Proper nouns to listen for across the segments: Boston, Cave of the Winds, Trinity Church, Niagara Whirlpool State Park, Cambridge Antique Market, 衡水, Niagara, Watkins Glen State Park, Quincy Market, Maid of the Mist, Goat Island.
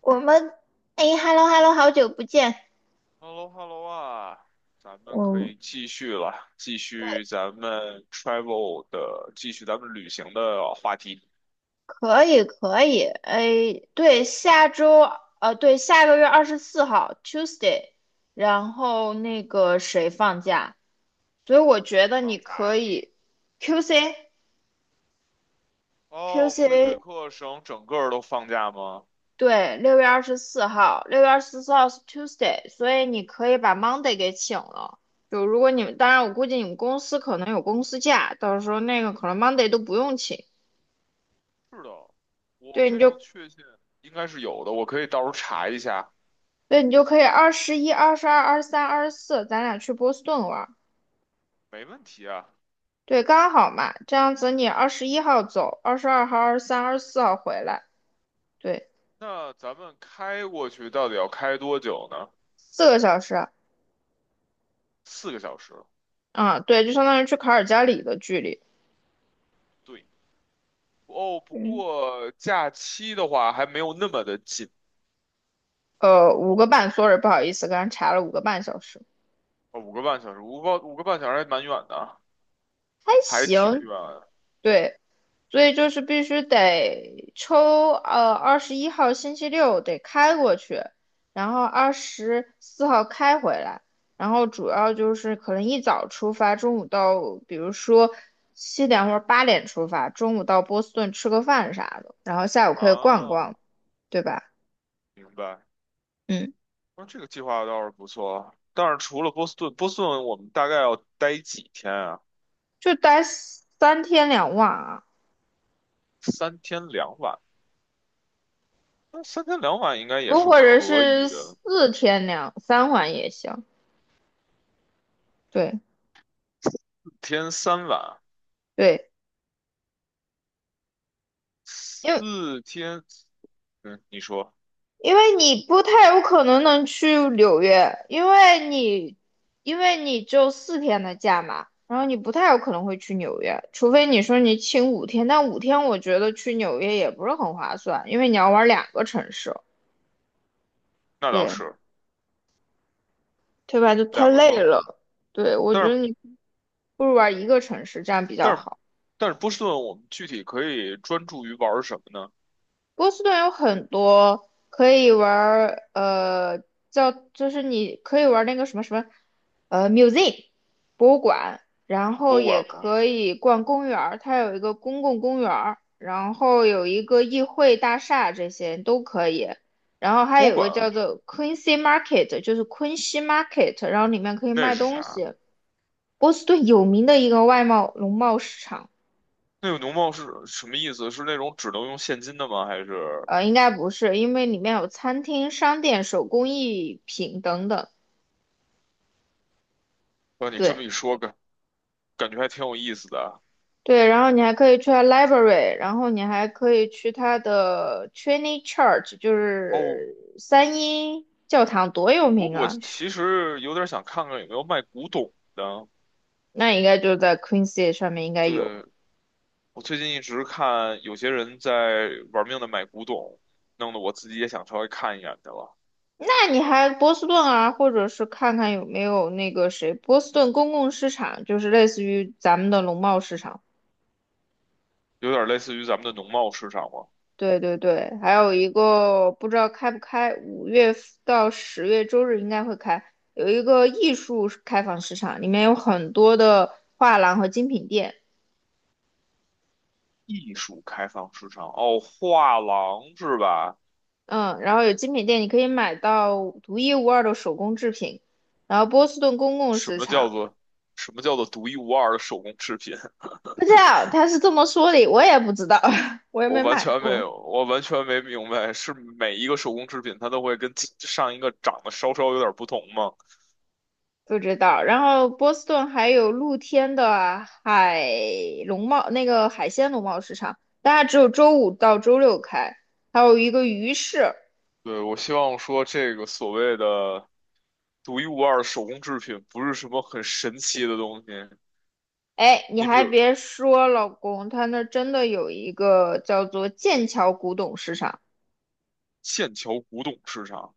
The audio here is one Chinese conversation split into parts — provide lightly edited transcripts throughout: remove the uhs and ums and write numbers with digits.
我们哎，hello hello，好久不见。h e l l o h e l l o 啊，咱们可嗯，以继续了，继续咱们 travel 的，继续咱们旅行的话题。可以可以。哎，对，对，下个月二十四号 Tuesday，然后那个谁放假，所以我觉谁得放你假可呀？以 QC 哦，魁北 QC，克省整个儿都放假吗？对，六月二十四号，六月二十四号是 Tuesday，所以你可以把 Monday 给请了。就如果你们，当然我估计你们公司可能有公司假，到时候那个可能 Monday 都不用请。是的，我对，你非就常确信应该是有的，我可以到时候查一下，对，你就可以二十一、二十二、二十三、二十四，咱俩去波士顿玩儿。没问题啊。对，刚好嘛，这样子你二十一号走，22号、二十三、二十四号回来，对，那咱们开过去到底要开多久呢？4个小时。4个小时。啊，对，就相当于去卡尔加里的距离。对，哦，不嗯，过假期的话还没有那么的紧，呃，五个半，sorry，不好意思，刚才查了5个半小时，哦，五个半小时，五个半小时还蛮远的。还还挺行。远对，所以就是必须得抽，呃，二十一号星期六得开过去，然后二十四号开回来，然后主要就是可能一早出发，中午到，比如说7点或者8点出发，中午到波士顿吃个饭啥的，然后下午可以逛啊，逛，对吧？明白。嗯，那这个计划倒是不错，但是除了波士顿，波士顿我们大概要待几天啊？就待三天两晚啊，三天两晚，那三天两晚应该也不是或者可是以的。4天2、3晚也行，对4天3晚，对。因为四天，嗯，你说因为你不太有可能能去纽约，因为你只有四天的假嘛，然后你不太有可能会去纽约，除非你说你请五天，但五天我觉得去纽约也不是很划算，因为你要玩2个城市，那倒对，是对吧？就太两个累城，了。对，我觉但得是你不如玩一个城市，这样比较但是好。但是波士顿我们具体可以专注于玩儿什么呢？波士顿有很多可以玩儿，呃，叫就是你可以玩儿那个什么什么，museum 博物馆，然后博物也馆吗？可以逛公园儿它有一个公共公园儿然后有一个议会大厦，这些都可以。然后还博物有个叫馆做 Quincy Market，就是昆西 Market，然后里面可以那卖是东啥？西。波士顿有名的一个外贸农贸市场。那个农贸是什么意思？是那种只能用现金的吗？还是？呃，应该不是，因为里面有餐厅、商店、手工艺品等等。哇，你这么对一说，感觉还挺有意思的啊。对，然后你还可以去它 library，然后你还可以去他的 Trinity Church，就哦，是三一教堂，多有我名我啊！其实有点想看看有没有卖古董的。那应该就在 Queen City 上面应该有。对，我最近一直看有些人在玩命的买古董，弄得我自己也想稍微看一眼去了。那你还波士顿啊，或者是看看有没有那个谁，波士顿公共市场，就是类似于咱们的农贸市场。有点类似于咱们的农贸市场嘛，对对对，还有一个不知道开不开，5月到10月周日应该会开，有一个艺术开放市场，里面有很多的画廊和精品店，艺术开放市场。哦，画廊是吧？嗯，然后有精品店你可以买到独一无二的手工制品，然后波士顿公共什市么叫场，做什么叫做独一无二的手工制品？不知道他是这么说的，我也不知道，我也我没完买全没过。有，我完全没明白，是每一个手工制品它都会跟其上一个长得稍稍有点不同吗？不知道。然后波士顿还有露天的海农贸，那个海鲜农贸市场，但它只有周五到周六开，还有一个鱼市。对，我希望说这个所谓的独一无二的手工制品不是什么很神奇的东西。哎，你你比还如别说，老公，他那儿真的有一个叫做剑桥古董市场，剑桥古董市场，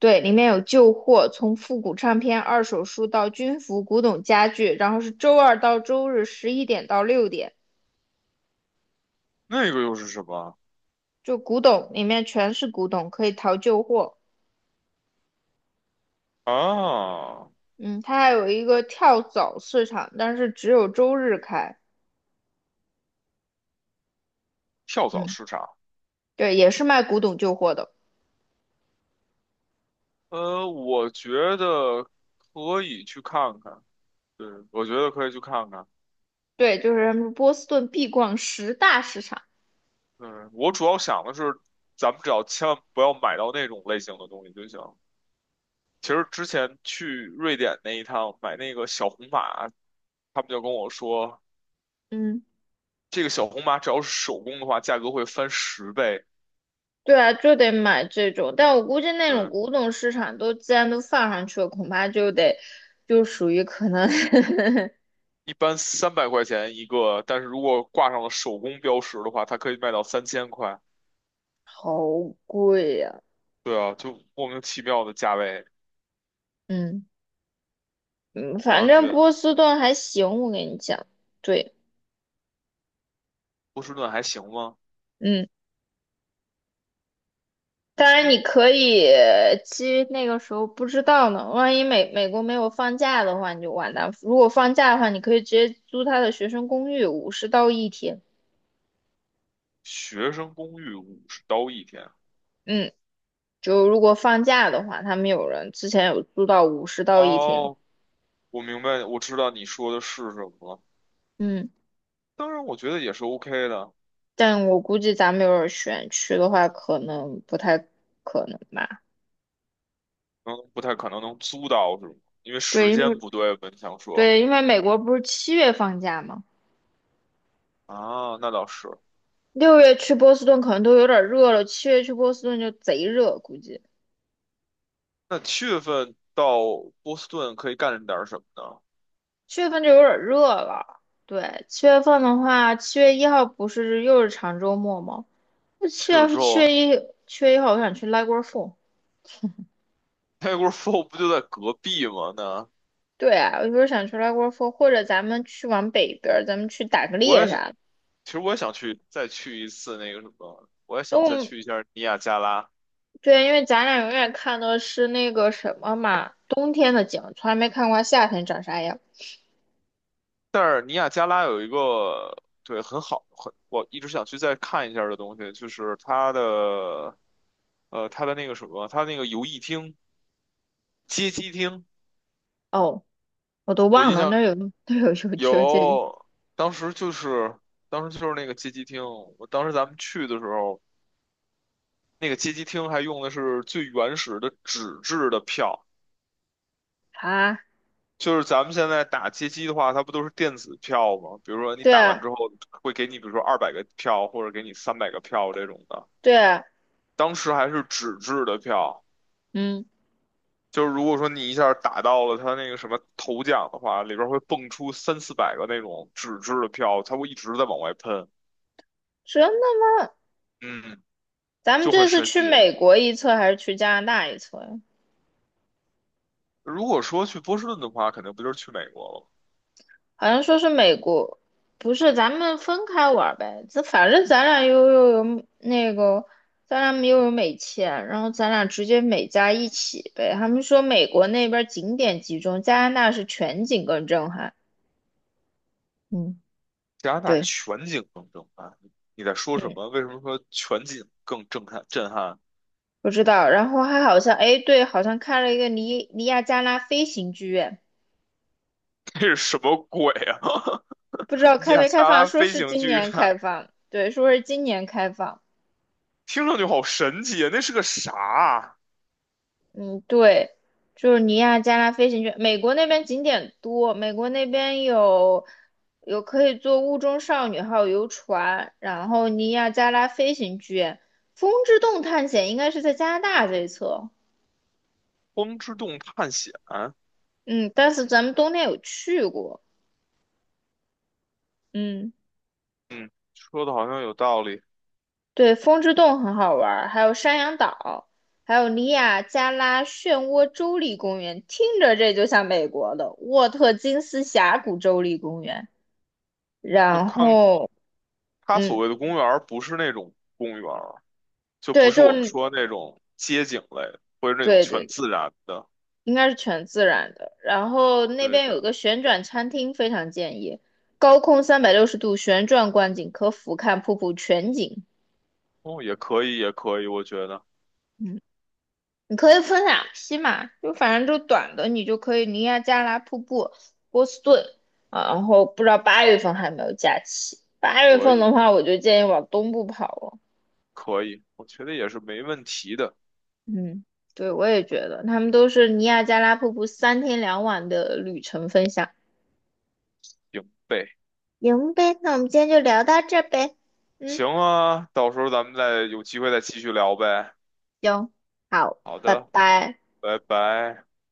对，里面有旧货，从复古唱片、二手书到军服、古董家具，然后是周二到周日11点到6点，那个又是什么就古董里面全是古董，可以淘旧货。啊？嗯，它还有一个跳蚤市场，但是只有周日开。跳蚤嗯，市场。对，也是卖古董旧货的。我觉得可以去看看。对，我觉得可以去看看。对，就是他们说波士顿必逛十大市场。嗯，我主要想的是，咱们只要千万不要买到那种类型的东西就行。其实之前去瑞典那一趟买那个小红马，他们就跟我说，嗯，这个小红马只要是手工的话，价格会翻10倍。对啊，就得买这种。但我估计那种对，古董市场都既然都放上去了，恐怕就得就属于可能 一般300块钱一个，但是如果挂上了手工标识的话，它可以卖到3000块。好贵呀、对啊，就莫名其妙的价位，嗯嗯，让反人觉正得波士顿还行，我跟你讲。对，波士顿还行吗？嗯。当然，你可以其实那个时候不知道呢，万一美国没有放假的话，你就完蛋。如果放假的话，你可以直接租他的学生公寓，五十到一天。学生公寓50刀一天。嗯，就如果放假的话，他们有人之前有租到五十到一天。哦，我明白，我知道你说的是什么了。嗯，当然，我觉得也是 OK 的，但我估计咱们有点选区的话，可能不太可能吧。嗯，不太可能能租到是吗？因为对，时间不对吧？你想说对，因为美国不是七月放假吗？啊，那倒是。六月去波士顿可能都有点热了，七月去波士顿就贼热，估计。那七月份到波士顿可以干点什么呢？七月份就有点热了。对，七月份的话，七月一号不是又是长周末吗？那去了之后七月一号，我想去拉锅凤。，Niagara 不就在隔壁吗？那对啊，我就是想去拉锅凤，或者咱们去往北边儿，咱们去打个我猎也想，啥的。其实我也想去再去一次那个什么，我也因想为我再们去一下尼亚加拉。对，因为咱俩永远看的是那个什么嘛，冬天的景，从来没看过夏天长啥样。但是尼亚加拉有一个对很好很我一直想去再看一下的东西，就是它的那个什么，它那个游艺厅、街机厅，哦，我都我忘印了，象那儿有 有秋这有，当时就是当时就是那个街机厅，我当时咱们去的时候，那个街机厅还用的是最原始的纸质的票。啊？就是咱们现在打街机的话，它不都是电子票吗？比如说你对打完啊之后会给你，比如说200个票，或者给你300个票这种的。对啊，当时还是纸质的票，嗯，就是如果说你一下打到了他那个什么头奖的话，里边会蹦出三四百个那种纸质的票，他会一直在往外喷，真的嗯，咱们就很这次神去奇。美国一侧还是去加拿大一侧呀？如果说去波士顿的话，肯定不就是去美国了吗？好像说是美国，不是，咱们分开玩儿呗。这反正咱俩又有那个，咱俩又有美签，然后咱俩直接美加一起呗。他们说美国那边儿景点集中，加拿大是全景更震撼。嗯，加拿大对，全景更震撼，你在说什嗯，么？为什么说全景更震撼？震撼？不知道。然后还好像，哎，对，好像开了一个尼亚加拉飞行剧院，这是什么鬼啊？不知道 开亚没特开放，拉说飞是行今剧院，年开放，对，说是今年开放。听上去好神奇啊！那是个啥啊？嗯，对，就是尼亚加拉飞行圈，美国那边景点多，美国那边有可以坐雾中少女号游船，然后尼亚加拉飞行圈，风之洞探险应该是在加拿大这一侧，光之洞探险？嗯，但是咱们冬天有去过，嗯，嗯，说的好像有道理。对，风之洞很好玩儿，还有山羊岛，还有尼亚加拉漩涡州立公园，听着这就像美国的沃特金斯峡谷州立公园，就然看后。他所嗯，谓的公园儿，不是那种公园儿，就不对，是就我们是说那种街景类，或者那种对对全对，自然的。应该是全自然的。然后那对边有一的，个旋转餐厅，非常建议，高空360度旋转观景，可俯瞰瀑布全景。哦，也可以，也可以，我觉得嗯，你可以分两批嘛，就反正就短的，你就可以尼亚加拉瀑布、波士顿啊。然后不知道八月份还有没有假期，八月可份的以，话，我就建议往东部跑了。可以，我觉得也是没问题的。嗯，对，我也觉得他们都是尼亚加拉瀑布三天两晚的旅程分享。行呗，行呗，那我们今天就聊到这儿呗。嗯，行啊，到时候咱们再有机会再继续聊呗。行，好，好拜的，拜。拜拜。